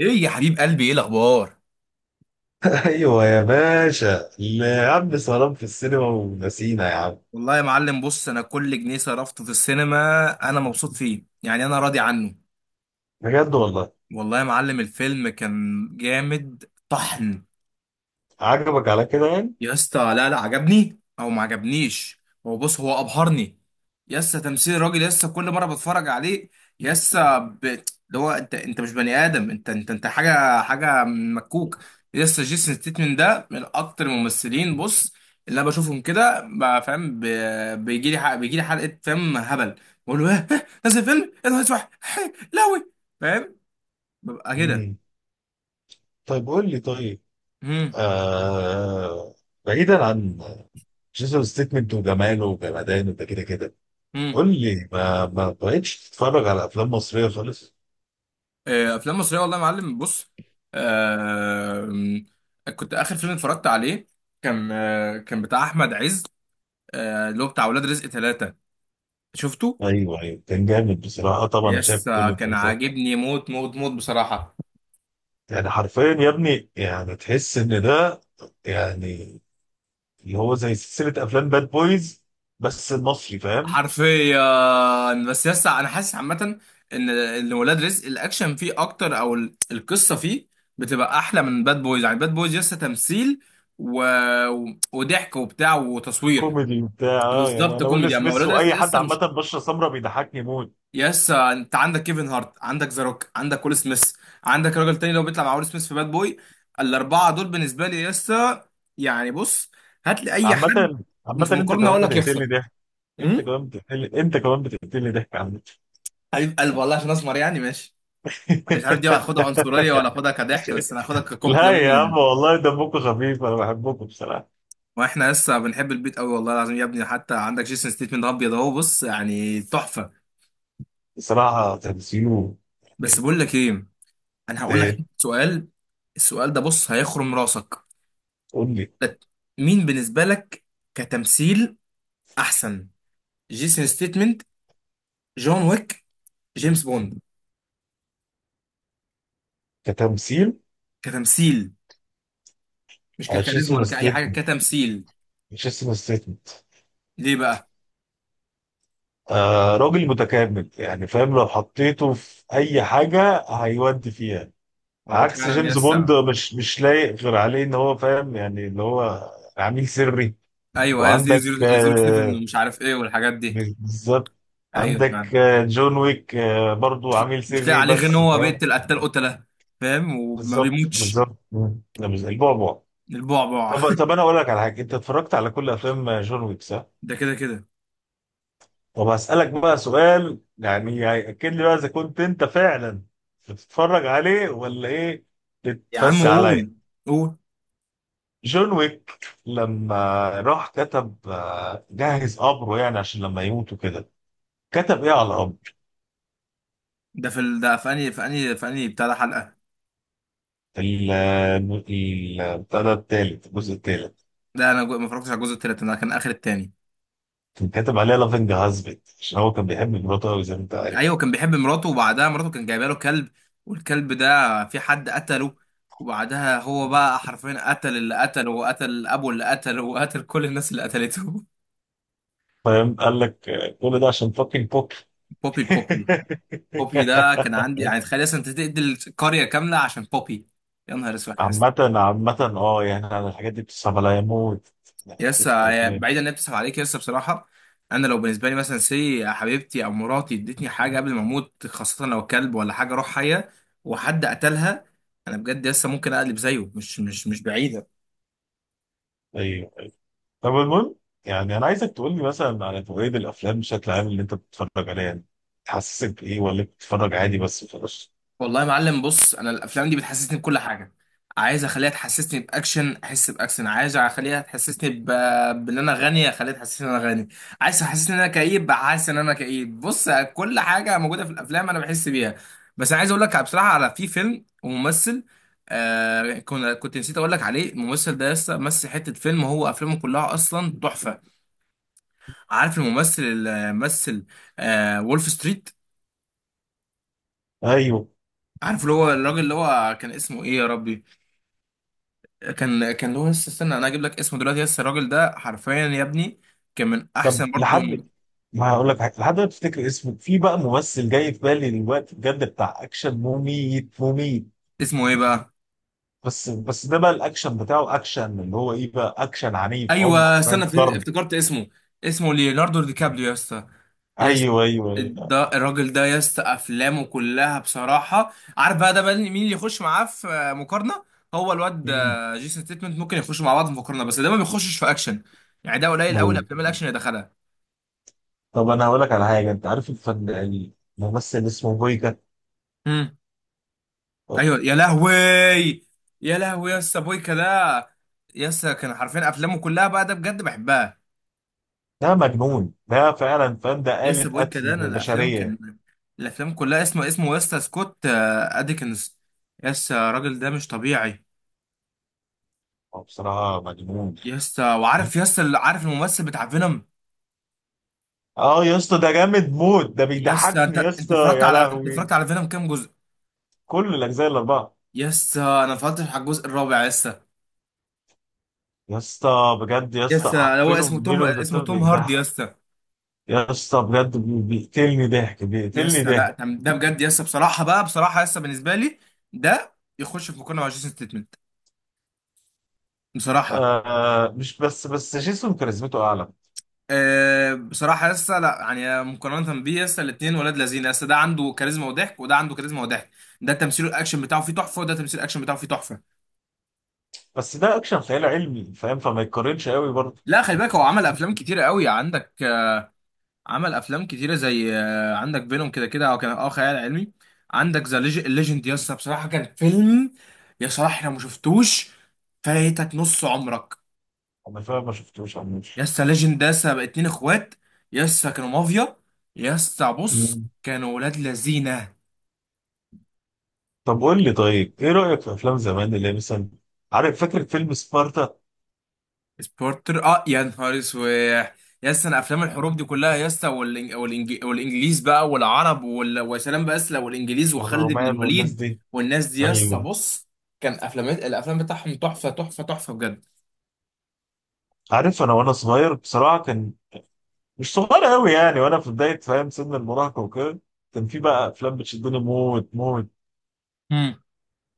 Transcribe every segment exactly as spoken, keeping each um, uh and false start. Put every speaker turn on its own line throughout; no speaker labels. ايه يا حبيب قلبي؟ ايه الاخبار؟
ايوه يا باشا، اللي يا عم سلام في السينما ونسينا يا عم.
والله يا معلم، بص، انا كل جنيه صرفته في السينما انا مبسوط فيه، يعني انا راضي عنه.
بجد والله.
والله يا معلم الفيلم كان جامد طحن.
عجبك على كده يعني.
يا اسطى، لا لا، عجبني او ما عجبنيش. هو بص، هو ابهرني. يا اسطى، تمثيل الراجل، يا اسطى، كل مره بتفرج عليه. يا اسطى ب... اللي هو، انت انت مش بني ادم، انت انت انت حاجه حاجه مكوك. يا اسطى، جيسون ستيتمن ده من اكتر الممثلين، بص، اللي انا بشوفهم كده، ب- فاهم؟ ب... بيجي لي ح... بيجي لي حلقه، فاهم، هبل. بقول له ايه؟ إيه؟ نازل فيلم ايه ده؟ اسمع، إيه، لوي فاهم، ببقى كده.
مم. طيب، قول لي. طيب،
امم
آه... بعيدا عن جيسون ستيتمنت وجماله وجمدانه ده كده كده، قول لي ما ما بقتش تتفرج على افلام مصريه خالص؟
آه، افلام مصريه، والله يا معلم، بص، آه، كنت اخر فيلم اتفرجت عليه كان، آه، كان بتاع احمد عز، آه، اللي هو بتاع ولاد رزق ثلاثة، شفته.
ايوه ايوه، كان جامد بصراحه. طبعا انا شايف
يس،
كل
كان
الاجزاء.
عاجبني موت موت موت بصراحه.
يعني حرفيا يا ابني يعني تحس ان ده يعني اللي هو زي سلسله افلام باد بويز، بس المصري، فاهم.
حرفيا، بس يس انا حاسس عامه ان ان ولاد رزق الاكشن فيه اكتر، او ال- القصه فيه بتبقى احلى من باد بويز. يعني باد بويز يس تمثيل و... وضحك وبتاع وتصوير.
كوميدي وبتاع، اه يعني
بالظبط،
انا ويل
كوميدي. اما
سميث
ولاد رزق
واي حد
لسه
عامه
مش.
بشره سمراء بيضحكني موت.
يس، انت عندك كيفن هارت، عندك ذا روك، عندك ويل سميث، عندك راجل تاني لو بيطلع مع ويل سميث في باد بوي، الاربعه دول بالنسبه لي يس. يعني بص، هات لي اي حد
عامه عامه
في
انت
مقارنه
كمان
اقول لك يخسر.
بتقتلني ضحك. انت
امم
كمان بتقتلني انت كمان بتقتلني ضحك عامه.
حبيب قلبي، والله عشان اسمر يعني ماشي. أنا مش عارف دي هاخدها عنصريه ولا اخدها كضحك، بس انا هاخدها
لا
ككومبلمون
يا
يعني.
عم، والله دمكم خفيف، انا بحبكم بصراحه.
واحنا لسه بنحب البيت قوي، والله العظيم يا ابني. حتى عندك جيسون ستيتمنت ابيض اهو، بص، يعني تحفه.
بصراحه تمثيله.
بس
إيه،
بقول لك ايه، انا هقول لك
إيه،
سؤال. السؤال ده بص هيخرم راسك.
قول لي.
لت- مين بالنسبة لك كتمثيل أحسن؟ جيسون ستيتمنت، جون ويك، جيمس بوند؟
كتمثيل،
كتمثيل، مش ككاريزما
جيسون
ولا كأي حاجة،
ستيتمنت.
كتمثيل.
جيسون ستيتمنت.
ليه بقى؟
آه، راجل متكامل يعني، فاهم؟ لو حطيته في اي حاجه هيودي فيها.
هو
عكس
فعلا
جيمس بوند،
يسا.
مش مش لايق غير عليه ان هو، فاهم، يعني اللي هو عميل سري.
أيوه، أيوه، زيرو
وعندك
زيرو زيرو سيفن
آه،
ومش عارف إيه والحاجات دي.
بالظبط.
أيوه فعلا.
عندك آه، جون ويك، آه، برضو عميل
مش لاقي
سري،
عليه غير إن
بس
هو
فاهم.
بيقتل قتال قتلة، فاهم؟ وما
بالظبط
بيموتش.
بالظبط. مم. ده مش زي البعبع.
البعبع.
طب طب انا اقول لك على حاجه، انت اتفرجت على كل افلام آه، جون ويك، صح؟
ده كده كده.
طب هسالك بقى سؤال، يعني هياكد لي بقى اذا كنت انت فعلا بتتفرج عليه ولا ايه.
يا عم
بتفسي عليا.
قول، قول.
جون ويك لما راح كتب، آه، جهز قبره يعني عشان لما يموت وكده، كتب ايه على القبر؟
ده في ال... ده في أنهي، في أنهي في أنهي بتاع ده حلقة؟
ال ال- بتاع ده التالت، الجزء التالت.
ده أنا جو- ما اتفرجتش على الجزء التالت، أنا كان آخر التاني.
كان كاتب عليها لافينج هازبت، عشان هو كان بيحب مراته قوي زي ما انت عارف.
ايوه، كان بيحب مراته، وبعدها مراته كان جايبه له كلب، والكلب ده في حد قتله، وبعدها هو بقى حرفيا قتل اللي قتله وقتل ابو اللي قتله وقتل كل الناس اللي قتلته.
فاهم؟ قال لك آه، كل ده عشان فاكينج بوك.
بوبي بوبي. بوبي ده كان عندي يعني، تخيل اصلا انت تقتل قريه كامله عشان بوبي؟ يا نهار اسود يا اسطى.
عامة عامة اه يعني انا الحاجات دي بتصعب عليا موت. يعني
يسا
بتموت في
يا اسطى،
الأفلام.
بعيدا ان هي بتسحب عليك يا اسطى بصراحه. انا لو بالنسبه لي مثلا، سي حبيبتي او مراتي ادتني حاجه قبل ما اموت، خاصه لو كلب ولا حاجه روح حيه، وحد قتلها، انا بجد لسه ممكن اقلب زيه، مش مش مش بعيده.
طب المهم، يعني انا عايزك تقول لي مثلا على تقييد الافلام بشكل عام اللي انت بتتفرج عليها يعني، تحسسك بايه ولا بتتفرج عادي بس خلاص؟
والله يا معلم، بص، انا الافلام دي بتحسسني بكل حاجه. عايز اخليها تحسسني باكشن، احس باكشن. عايز اخليها تحسسني ب... بان انا غني، اخليها تحسسني ان انا غني. عايز تحسسني ان انا كئيب، حاسس ان انا كئيب. بص، كل حاجه موجوده في الافلام انا بحس بيها. بس انا عايز اقول لك بصراحه على في فيلم وممثل آه، كنا كنت نسيت اقول لك عليه. الممثل ده لسه مثل حته فيلم، هو افلامه كلها اصلا تحفه. عارف الممثل اللي مثل آه وولف ستريت؟
ايوه.
عارف اللي هو الراجل، اللي هو كان اسمه ايه يا ربي، كان كان لويس، استنى انا اجيب لك اسمه دلوقتي. يس، الراجل ده حرفيا يا ابني كان من
طب
احسن برضو.
لحد ما هقول لك حاجه، لحد ما تفتكر اسمه، في بقى ممثل جاي في بالي دلوقتي بجد، بتاع اكشن، مميت مميت.
اسمه ايه بقى؟
بس بس ده بقى الاكشن بتاعه، اكشن اللي هو ايه بقى، اكشن عنيف، عنف،
ايوه
فاهم،
استنى، فهمت-
ضرب.
افتكرت اسمه. اسمه ليوناردو دي كابريو يا اسطى. يس،
ايوه ايوه ايوه.
ده الراجل ده يا اسطى، افلامه كلها بصراحه. عارف بقى ده بقى مين اللي يخش معاه في مقارنه؟ هو الواد
مين؟
آه، جيسون ستيتمنت ممكن يخشوا مع بعض في مقارنه، بس ده ما بيخشش في اكشن، يعني ده قليل قوي
أيوة.
الافلام الاكشن اللي دخلها.
طب انا هقول لك على حاجه، انت عارف الفن، الممثل اسمه
ايوه يا
بويكا؟
لهوي. يا لهوي يا اسطى، بويكا ده، يا اسطى، كان حرفيا افلامه كلها بقى ده بجد بحبها.
ده مجنون ده، فعلا، فاهم،
يا
ده آلة
اسطى بويكا ده
قتل
انا الافلام
بشرية.
كان، الافلام كلها، اسمه اسمه يا اسطى سكوت آه، ادكنز. يا اسطى الراجل ده مش طبيعي.
هو بصراحة مجنون.
يا اسطى، وعارف يا اسطى، عارف الممثل بتاع فينوم؟
اه يا اسطى، ده جامد موت، ده
يا اسطى، انت
بيضحكني يا
انت
اسطى،
اتفرجت
يا
على انت
لهوي.
اتفرجت على فينوم كام جزء؟
كل الأجزاء الأربعة.
يا اسطى انا اتفرجت على الجزء الرابع يا اسطى.
يا اسطى بجد، يا
يا اسطى
اسطى،
هو
فينو
اسمه توم
فينو
اسمه
ده
توم هاردي يا
بيضحك.
اسطى.
يا اسطى بجد، بي- بيقتلني ضحك، بيقتلني
يسنا، لا،
ضحك.
ده ده بجد يسا، بصراحه، بقى بصراحه، يسا بالنسبه لي ده يخش في مقارنه مع جيسون ستيتمنت بصراحه.
آه، مش بس بس جيسون كاريزمته أعلى.
أه بصراحه يسا، لا يعني مقارنه بيه، يسا الاثنين ولاد لذين. يسا، ده عنده كاريزما وضحك، وده عنده كاريزما وضحك. ده تمثيل الاكشن بتاعه فيه تحفه، وده تمثيل الاكشن بتاعه فيه تحفه.
بس ده أكشن خيال علمي، فاهم، فما يتقارنش قوي برضه.
لا، خلي بالك هو عمل افلام كتيره قوي. عندك آه، عمل افلام كتيره زي آه، عندك بينهم كده كده هو كان اه خيال علمي. عندك ذا ليجند، يسا بصراحه كان فيلم، يا صلاح لو ما شفتوش فايتك نص عمرك.
أنا فاهم، ما شفتوش عموش.
يسا ليجند ده، يسا بقى اتنين اخوات، يسا كانوا مافيا، يسا بص كانوا ولاد لذينه.
طب قول لي، طيب ايه رأيك في افلام زمان اللي هي مثلا، عارف، فاكر فيلم سبارتا؟
سبورتر، اه يا نهار اسود. يسا، انا افلام الحروب دي كلها، يسا، والإنج... والإنج... والانجليز بقى والعرب وال... وسلام باسله والانجليز وخالد بن
والرومان والناس
الوليد
دي.
والناس دي. يسا
ايوه.
بص، كان افلام، الافلام بتاعهم تحفه تحفه تحفه بجد.
عارف، انا وانا صغير بصراحة، كان مش صغير قوي يعني، وانا في بداية، فاهم، سن المراهقة وكده، كان في بقى افلام بتشدني موت موت.
امم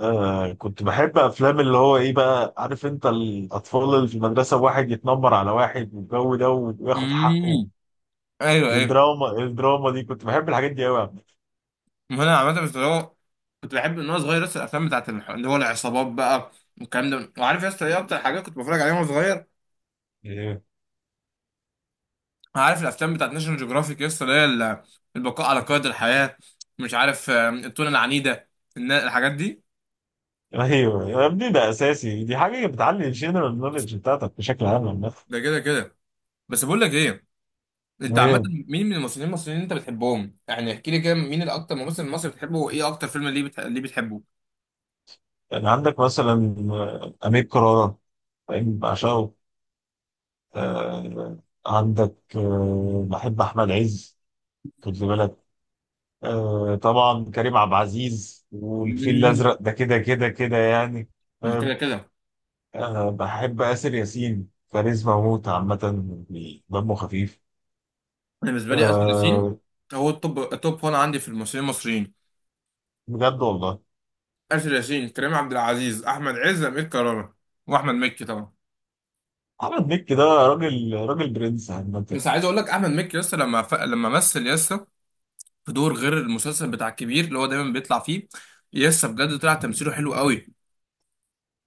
آه، كنت بحب افلام اللي هو ايه بقى، عارف انت، الاطفال اللي في المدرسة، واحد يتنمر على واحد والجو ده وياخد
امم
حقه،
ايوه ايوه.
الدراما، الدراما دي كنت بحب الحاجات دي
ما انا عامه، بس اللي هو كنت بحب ان انا صغير لسه الافلام بتاعت الح- اللي هو العصابات بقى والكلام ده. وعارف يا اسطى ايه اكتر حاجات كنت بتفرج عليها وانا صغير؟
قوي.
عارف الافلام بتاعت ناشونال جيوغرافيك يا اسطى، اللي هي ال- البقاء على قيد الحياه، مش عارف آم، التونه العنيده، الن- الحاجات دي.
ايوه يا ابني، ده اساسي، دي حاجه بتعلي الجنرال نوليدج بتاعتك بشكل عام عامه.
ده كده كده. بس بقول لك ايه، انت عامه،
مهم.
مين من الممثلين المصريين اللي انت بتحبهم؟ يعني احكي لي كده مين الاكتر ممثل مصري بتحبه، وايه اكتر فيلم ليه بتح... ليه بتحبه؟
يعني عندك مثلا آه، امير كرارة، فاهم؟ بعشقه. آه، عندك آه، بحب احمد عز، خد لي بالك. آه، طبعا كريم عبد العزيز والفيل
مم.
الازرق، ده كده كده كده يعني،
ده كده
فاهم؟
كده.
آه، بحب اسر ياسين، كاريزما موت عامه، يعني دمه خفيف.
انا بالنسبه لي اسر ياسين
آه،
هو التوب التوب واحد عندي في الممثلين المصريين.
بجد والله.
آسر ياسين، كريم عبد العزيز، احمد عز، امير كرارة، واحمد مكي طبعا.
احمد مكي ده راجل راجل، برنس عامه.
بس عايز اقول لك احمد مكي، لسه لما ف... لما مثل لسه في دور غير المسلسل بتاع الكبير اللي هو دايما بيطلع فيه، لسه بجد طلع تمثيله حلو قوي.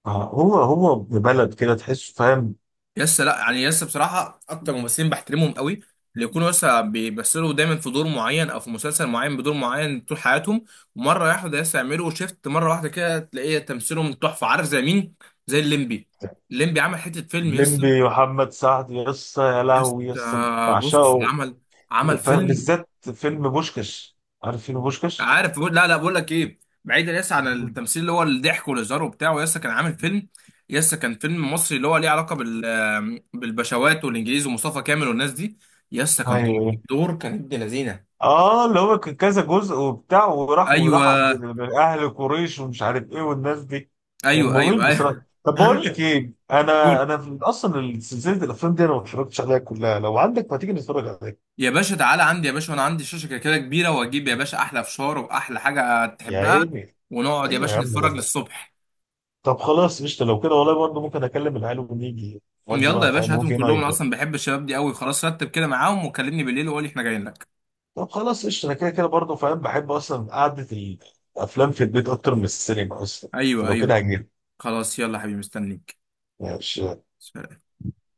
آه، هو هو ابن بلد كده، تحسه، فاهم.
لسه، لا يعني، لسه بصراحه اكتر ممثلين بحترمهم قوي، اللي يكونوا لسه بيمثلوا دايما في دور معين او في مسلسل معين بدور معين طول حياتهم، ومره واحده لسه يعملوا شيفت مره واحده كده، تلاقيه تمثيلهم تحفه. عارف زي مين؟ زي الليمبي. الليمبي عمل حته فيلم يس.
الليمبي، محمد سعد، يسا يا
يس
لهوي يسا،
آه، بص
بعشقه.
عمل، عمل
فاهم؟
فيلم.
بالذات فيلم بوشكش، عارف فيلم بوشكش؟
عارف بقول لا لا، بقول لك ايه، بعيدا يس عن
مم.
التمثيل اللي هو الضحك والهزار وبتاع، يس كان عامل فيلم، يس كان فيلم مصري، اللي هو ليه علاقه بال آه، بالبشوات والانجليز ومصطفى كامل والناس دي. يس كان طالع في
ايوه.
دور، كان ابن لذينه.
اه، اللي هو كان كذا جزء وبتاع، وراح وراح عند
ايوه
اهل قريش ومش عارف ايه والناس دي. كان
ايوه
ممل
ايوه.
بصراحه.
ايوه.
طب بقول لك ايه، انا
قول.
انا اصلا سلسله الافلام دي انا ما اتفرجتش عليها كلها، لو عندك ما تيجي نتفرج عليها.
يا باشا، تعالى عندي يا باشا، وانا عندي شاشه كده كده كبيره، واجيب يا باشا احلى فشار واحلى حاجه
يا
تحبها،
عيني.
ونقعد يا
ايوه يا
باشا
عم،
نتفرج
يلا.
للصبح.
طب خلاص، قشطة، لو كده والله برضه ممكن أكلم العيال ونيجي، ودي
يلا
بقى
يا
فاهم
باشا هاتهم
موفي
كلهم،
نايت
انا
بقى.
اصلا بحب الشباب دي قوي. خلاص رتب كده معاهم وكلمني بالليل وقولي احنا جايين لك.
طب خلاص قشطة، أنا كده كده برضه فاهم بحب أصلا قعدة الأفلام في البيت أكتر من السينما أصلا،
ايوه
فلو
ايوه.
كده هجيلك.
خلاص يلا يا حبيبي، مستنيك.
ماشي.
سلام.